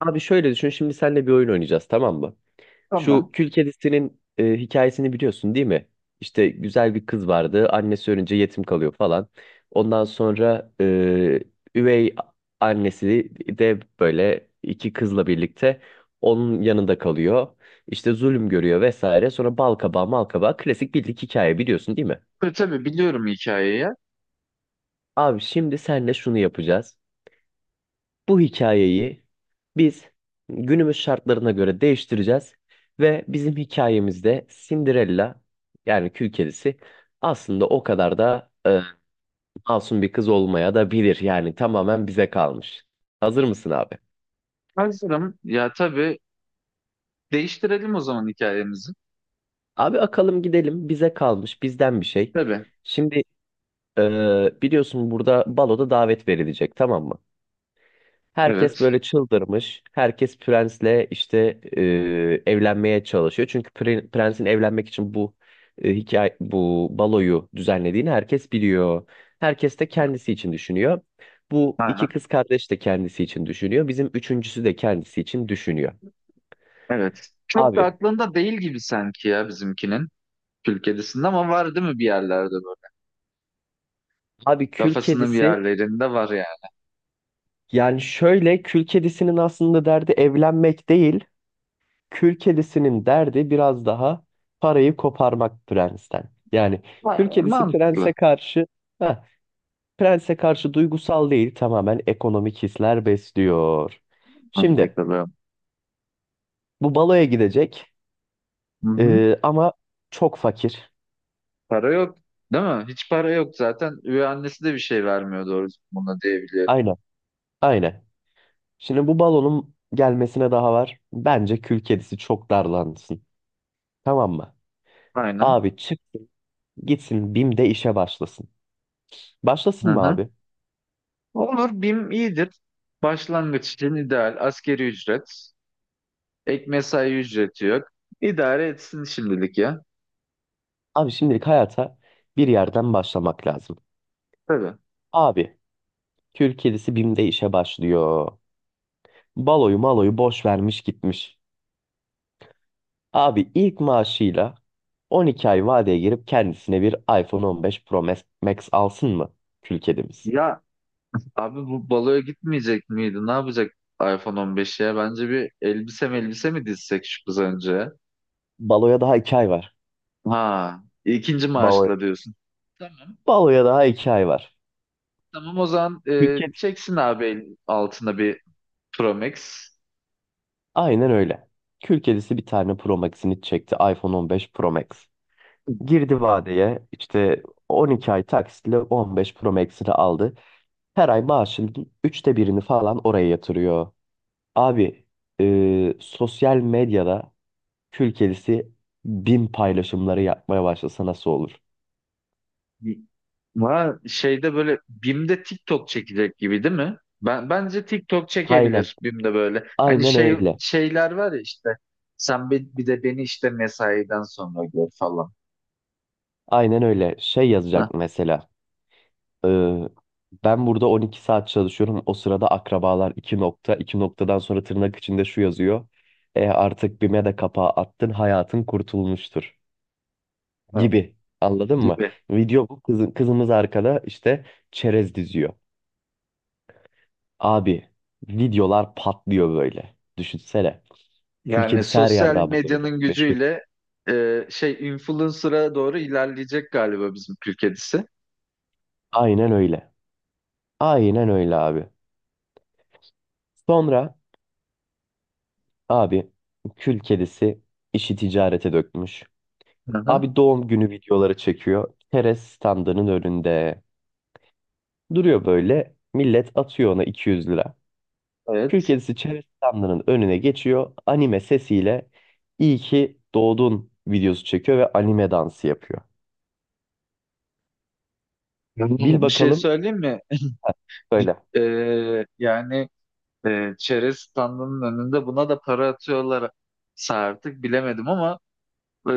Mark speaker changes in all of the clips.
Speaker 1: Abi şöyle düşün şimdi, seninle bir oyun oynayacağız, tamam mı? Şu
Speaker 2: Tamam.
Speaker 1: Kül Kedisi'nin hikayesini biliyorsun, değil mi? İşte güzel bir kız vardı, annesi ölünce yetim kalıyor falan. Ondan sonra üvey annesi de böyle iki kızla birlikte onun yanında kalıyor. İşte zulüm görüyor vesaire, sonra bal kabağı mal kabağı, klasik bildik hikaye, biliyorsun değil mi?
Speaker 2: Tabii biliyorum hikayeyi.
Speaker 1: Abi şimdi senle şunu yapacağız. Bu hikayeyi biz günümüz şartlarına göre değiştireceğiz ve bizim hikayemizde Cinderella, yani Kül Kedisi, aslında o kadar da masum bir kız olmaya da bilir. Yani tamamen bize kalmış. Hazır mısın abi?
Speaker 2: Hazırım. Ya tabii değiştirelim o zaman hikayemizi.
Speaker 1: Abi akalım gidelim, bize kalmış bizden bir şey.
Speaker 2: Tabii.
Speaker 1: Şimdi biliyorsun, burada baloda davet verilecek, tamam mı? Herkes
Speaker 2: Evet.
Speaker 1: böyle çıldırmış. Herkes prensle işte evlenmeye çalışıyor. Çünkü prensin evlenmek için bu hikaye, bu baloyu düzenlediğini herkes biliyor. Herkes de kendisi için düşünüyor. Bu
Speaker 2: Aynen.
Speaker 1: iki kız kardeş de kendisi için düşünüyor. Bizim üçüncüsü de kendisi için düşünüyor.
Speaker 2: Evet. Çok da
Speaker 1: Abi,
Speaker 2: aklında değil gibi sanki ya bizimkinin. Kül Ama var değil mi bir yerlerde böyle?
Speaker 1: abi kül
Speaker 2: Kafasının bir
Speaker 1: kedisi,
Speaker 2: yerlerinde var yani.
Speaker 1: yani şöyle, kül kedisinin aslında derdi evlenmek değil. Kül kedisinin derdi biraz daha parayı koparmak prensten. Yani kül
Speaker 2: Var.
Speaker 1: kedisi
Speaker 2: Mantıklı.
Speaker 1: heh, prense karşı duygusal değil, tamamen ekonomik hisler besliyor.
Speaker 2: Hadi
Speaker 1: Şimdi
Speaker 2: bakalım.
Speaker 1: bu baloya gidecek,
Speaker 2: Hı hı.
Speaker 1: ama çok fakir.
Speaker 2: Para yok. Değil mi? Hiç para yok zaten. Üvey annesi de bir şey vermiyor doğrusu buna diyebiliyorum.
Speaker 1: Aynen, aynen. Şimdi bu balonun gelmesine daha var. Bence kül kedisi çok darlansın. Tamam mı?
Speaker 2: Aynen.
Speaker 1: Abi çıksın gitsin, BİM'de işe başlasın.
Speaker 2: Hı
Speaker 1: Başlasın mı
Speaker 2: hı.
Speaker 1: abi?
Speaker 2: Olur. BİM iyidir. Başlangıç için ideal. Askeri ücret. Ek mesai ücreti yok. İdare etsin şimdilik ya.
Speaker 1: Abi şimdilik hayata bir yerden başlamak lazım.
Speaker 2: Tabii.
Speaker 1: Abi Türk kedisi BİM'de işe başlıyor. Baloyu maloyu boş vermiş gitmiş. Abi ilk maaşıyla 12 ay vadeye girip kendisine bir iPhone 15 Pro Max alsın mı kül kedimiz?
Speaker 2: Ya abi bu baloya gitmeyecek miydi? Ne yapacak iPhone 15'e? Ya? Bence bir elbise mi dizsek şu kız önce?
Speaker 1: Baloya daha 2 ay var.
Speaker 2: Ha, ikinci
Speaker 1: Balo,
Speaker 2: maaşla diyorsun. Tamam.
Speaker 1: baloya daha 2 ay var.
Speaker 2: Tamam o zaman
Speaker 1: Kül kedisi.
Speaker 2: çeksin abi altına bir Pro Max.
Speaker 1: Aynen öyle. Kül kedisi bir tane Pro Max'ini çekti. iPhone 15 Pro Max. Girdi vadeye, işte 12 ay taksitle 15 Pro Max'ini aldı. Her ay maaşının üçte birini falan oraya yatırıyor. Abi, sosyal medyada kül kedisi 1000 paylaşımları yapmaya başlasa nasıl olur?
Speaker 2: Ha, şeyde böyle BİM'de TikTok çekecek gibi değil mi? Bence TikTok
Speaker 1: Aynen.
Speaker 2: çekebilir BİM'de böyle. Hani
Speaker 1: Aynen
Speaker 2: şey
Speaker 1: öyle.
Speaker 2: şeyler var ya işte. Sen bir de beni işte mesaiden sonra gör falan.
Speaker 1: Aynen öyle. Şey
Speaker 2: Ha,
Speaker 1: yazacak mesela. e, Ben burada 12 saat çalışıyorum. O sırada akrabalar 2 nokta. 2 noktadan sonra tırnak içinde şu yazıyor. Artık BİM'e de kapağı attın. Hayatın kurtulmuştur.
Speaker 2: ha,
Speaker 1: Gibi. Anladın mı?
Speaker 2: gibi.
Speaker 1: Video bu. Kızımız arkada işte çerez diziyor. Abi videolar patlıyor böyle. Düşünsene. Kül
Speaker 2: Yani
Speaker 1: kedisi her
Speaker 2: sosyal
Speaker 1: yerde abi böyle.
Speaker 2: medyanın
Speaker 1: Meşhur.
Speaker 2: gücüyle şey influencer'a doğru ilerleyecek galiba bizim Türk kedisi.
Speaker 1: Aynen öyle. Aynen öyle abi. Sonra abi kül kedisi işi ticarete dökmüş.
Speaker 2: Hı hı,
Speaker 1: Abi doğum günü videoları çekiyor. Keres standının önünde. Duruyor böyle. Millet atıyor ona 200 lira. Kül
Speaker 2: evet.
Speaker 1: kedisi çerez standının önüne geçiyor. Anime sesiyle iyi ki doğdun videosu çekiyor ve anime dansı yapıyor.
Speaker 2: Yani
Speaker 1: Bil
Speaker 2: bir şey
Speaker 1: bakalım.
Speaker 2: söyleyeyim mi?
Speaker 1: Söyle.
Speaker 2: E, Yani çerez standının önünde buna da para atıyorlar artık bilemedim ama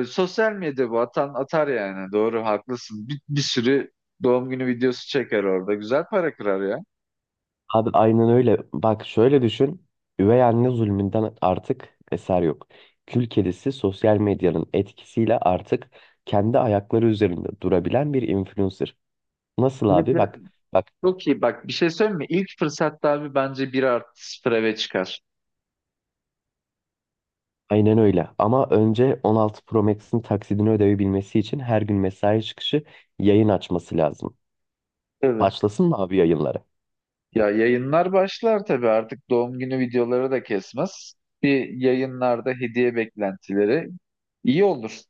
Speaker 2: sosyal medya bu atan atar yani doğru haklısın bir sürü doğum günü videosu çeker orada güzel para kırar ya.
Speaker 1: Abi aynen öyle. Bak şöyle düşün. Üvey anne zulmünden artık eser yok. Kül kedisi sosyal medyanın etkisiyle artık kendi ayakları üzerinde durabilen bir influencer. Nasıl
Speaker 2: Ve
Speaker 1: abi? Bak, bak,
Speaker 2: çok iyi bak bir şey söyleyeyim mi ilk fırsatta abi bence bir artı sıfır eve çıkar.
Speaker 1: aynen öyle. Ama önce 16 Pro Max'in taksidini ödeyebilmesi için her gün mesai çıkışı yayın açması lazım.
Speaker 2: Evet.
Speaker 1: Başlasın mı abi yayınları?
Speaker 2: Ya yayınlar başlar tabii artık doğum günü videoları da kesmez. Bir yayınlarda hediye beklentileri iyi olur.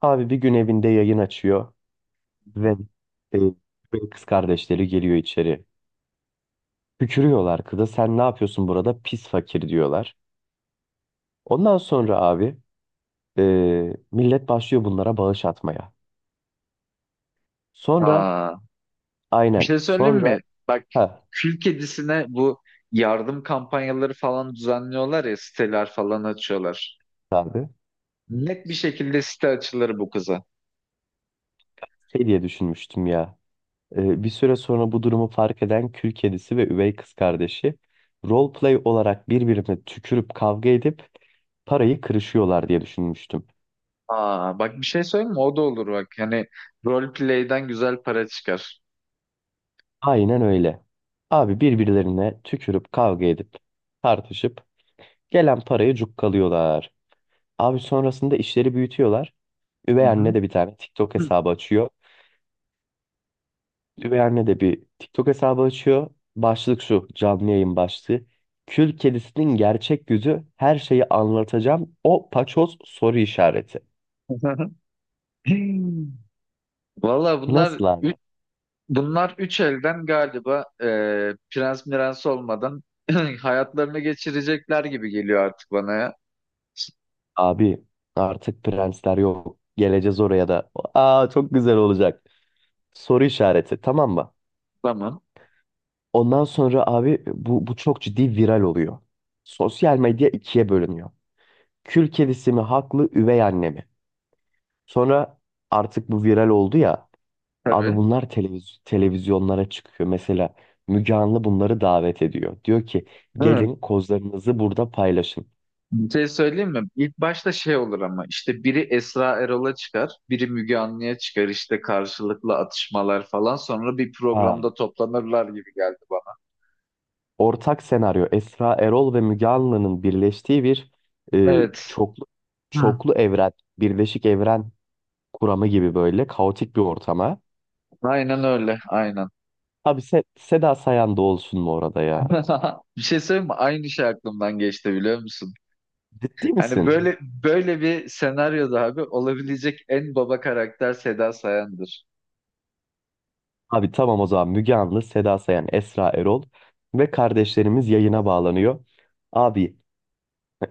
Speaker 1: Abi bir gün evinde yayın açıyor ve kız kardeşleri geliyor içeri. Tükürüyorlar kıza, sen ne yapıyorsun burada pis fakir diyorlar. Ondan sonra abi, e, millet başlıyor bunlara bağış atmaya. Sonra
Speaker 2: Aa, bir
Speaker 1: aynen
Speaker 2: şey söyleyeyim
Speaker 1: sonra
Speaker 2: mi? Bak
Speaker 1: ha
Speaker 2: kül kedisine bu yardım kampanyaları falan düzenliyorlar ya siteler falan açıyorlar.
Speaker 1: abi
Speaker 2: Net bir şekilde site açılır bu kıza.
Speaker 1: şey diye düşünmüştüm ya. Bir süre sonra bu durumu fark eden kül kedisi ve üvey kız kardeşi roleplay olarak birbirine tükürüp kavga edip parayı kırışıyorlar diye düşünmüştüm.
Speaker 2: Aa, bak bir şey söyleyeyim mi? O da olur bak. Yani role play'den güzel para çıkar.
Speaker 1: Aynen öyle. Abi birbirlerine tükürüp kavga edip tartışıp gelen parayı cukkalıyorlar. Abi sonrasında işleri büyütüyorlar.
Speaker 2: Hı
Speaker 1: Üvey anne
Speaker 2: hı.
Speaker 1: de bir tane TikTok hesabı açıyor. Üvey anne de bir TikTok hesabı açıyor. Başlık şu, canlı yayın başlığı. Kül kedisinin gerçek yüzü, her şeyi anlatacağım. O paçoz, soru işareti.
Speaker 2: Valla
Speaker 1: Nasıl abi?
Speaker 2: bunlar üç elden galiba prens mirens olmadan hayatlarını geçirecekler gibi geliyor artık bana ya.
Speaker 1: Abi artık prensler yok. Geleceğiz oraya da. Aa, çok güzel olacak. Soru işareti, tamam mı?
Speaker 2: Tamam.
Speaker 1: Ondan sonra abi, bu çok ciddi viral oluyor. Sosyal medya ikiye bölünüyor. Kül kedisi mi haklı, üvey anne mi? Sonra artık bu viral oldu ya. Abi
Speaker 2: Tabii.
Speaker 1: bunlar televizyonlara çıkıyor. Mesela Müge Anlı bunları davet ediyor. Diyor ki,
Speaker 2: Değil mi?
Speaker 1: gelin kozlarınızı burada paylaşın.
Speaker 2: Bir şey söyleyeyim mi? İlk başta şey olur ama işte biri Esra Erol'a çıkar, biri Müge Anlı'ya çıkar işte karşılıklı atışmalar falan sonra bir
Speaker 1: Ha.
Speaker 2: programda toplanırlar gibi geldi bana.
Speaker 1: Ortak senaryo Esra Erol ve Müge Anlı'nın birleştiği bir e,
Speaker 2: Evet.
Speaker 1: çoklu,
Speaker 2: Hı.
Speaker 1: çoklu evren, birleşik evren kuramı gibi böyle kaotik bir ortama.
Speaker 2: Aynen öyle, aynen.
Speaker 1: Abi Seda Sayan da olsun mu orada ya?
Speaker 2: Bir şey söyleyeyim mi? Aynı şey aklımdan geçti biliyor musun?
Speaker 1: Ciddi
Speaker 2: Hani
Speaker 1: misin?
Speaker 2: böyle böyle bir senaryoda abi olabilecek en baba karakter Seda Sayan'dır.
Speaker 1: Abi tamam, o zaman Müge Anlı, Seda Sayan, Esra Erol ve kardeşlerimiz yayına bağlanıyor. Abi,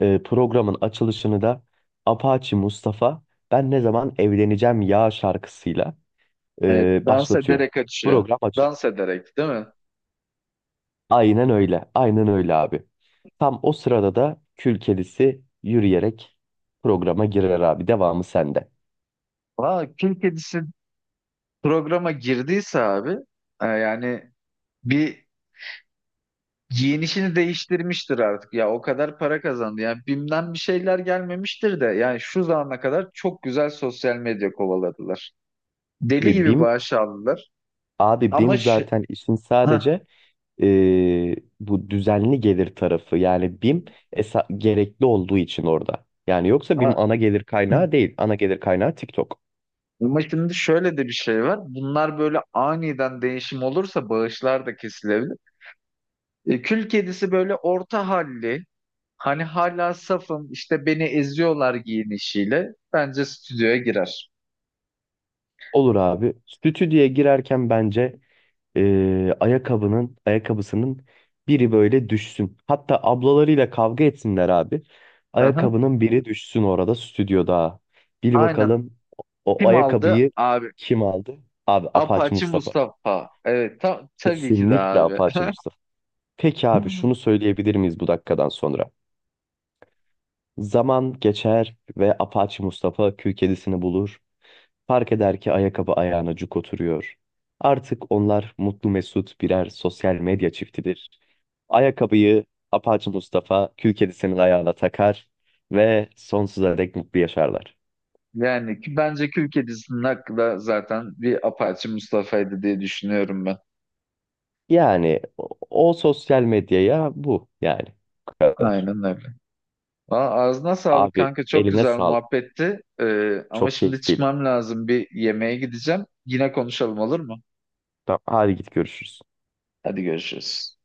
Speaker 1: programın açılışını da Apache Mustafa Ben Ne Zaman Evleneceğim Ya şarkısıyla
Speaker 2: Evet, dans
Speaker 1: başlatıyor.
Speaker 2: ederek açıyor.
Speaker 1: Program açılıyor.
Speaker 2: Dans ederek, değil mi?
Speaker 1: Aynen öyle. Aynen öyle abi. Tam o sırada da kül kedisi yürüyerek programa girer abi. Devamı sende.
Speaker 2: Valla kül kedisi programa girdiyse abi yani bir giyinişini değiştirmiştir artık ya o kadar para kazandı yani BİM'den bir şeyler gelmemiştir de yani şu zamana kadar çok güzel sosyal medya kovaladılar. Deli
Speaker 1: Abi
Speaker 2: gibi
Speaker 1: BİM
Speaker 2: bağış aldılar
Speaker 1: Abi
Speaker 2: ama
Speaker 1: BİM
Speaker 2: ş-
Speaker 1: zaten işin
Speaker 2: Hah,
Speaker 1: sadece bu düzenli gelir tarafı. Yani BİM gerekli olduğu için orada. Yani yoksa BİM
Speaker 2: a-
Speaker 1: ana gelir kaynağı değil. Ana gelir kaynağı TikTok.
Speaker 2: ama şimdi şöyle de bir şey var. Bunlar böyle aniden değişim olursa bağışlar da kesilebilir. Kül kedisi böyle orta halli. Hani hala safım işte beni eziyorlar giyinişiyle. Bence stüdyoya girer.
Speaker 1: Olur abi. Stüdyoya girerken bence, e, ayakkabının ayakkabısının biri böyle düşsün. Hatta ablalarıyla kavga etsinler abi.
Speaker 2: Aha,
Speaker 1: Ayakkabının biri düşsün orada stüdyoda. Bil
Speaker 2: aynen.
Speaker 1: bakalım, o
Speaker 2: Kim aldı?
Speaker 1: ayakkabıyı
Speaker 2: Abi.
Speaker 1: kim aldı? Abi Apache
Speaker 2: Apache
Speaker 1: Mustafa.
Speaker 2: Mustafa. Evet tabii ki de
Speaker 1: Kesinlikle
Speaker 2: abi.
Speaker 1: apaçı Mustafa. Peki abi, şunu söyleyebilir miyiz bu dakikadan sonra? Zaman geçer ve apaçı Mustafa kül kedisini bulur. Fark eder ki ayakkabı ayağına cuk oturuyor. Artık onlar mutlu mesut birer sosyal medya çiftidir. Ayakkabıyı apaçı Mustafa kül kedisinin ayağına takar ve sonsuza dek mutlu yaşarlar.
Speaker 2: Yani ki bence Kül Kedisi'nin hakkı da zaten bir Apache Mustafa'ydı diye düşünüyorum ben.
Speaker 1: Yani o sosyal medyaya bu, yani bu kadar.
Speaker 2: Aynen öyle. Valla ağzına sağlık
Speaker 1: Abi
Speaker 2: kanka. Çok
Speaker 1: eline
Speaker 2: güzel
Speaker 1: sağlık.
Speaker 2: muhabbetti. Ama
Speaker 1: Çok
Speaker 2: şimdi
Speaker 1: keyifliydi.
Speaker 2: çıkmam lazım. Bir yemeğe gideceğim. Yine konuşalım olur mu?
Speaker 1: Tamam, hadi git görüşürüz.
Speaker 2: Hadi görüşürüz.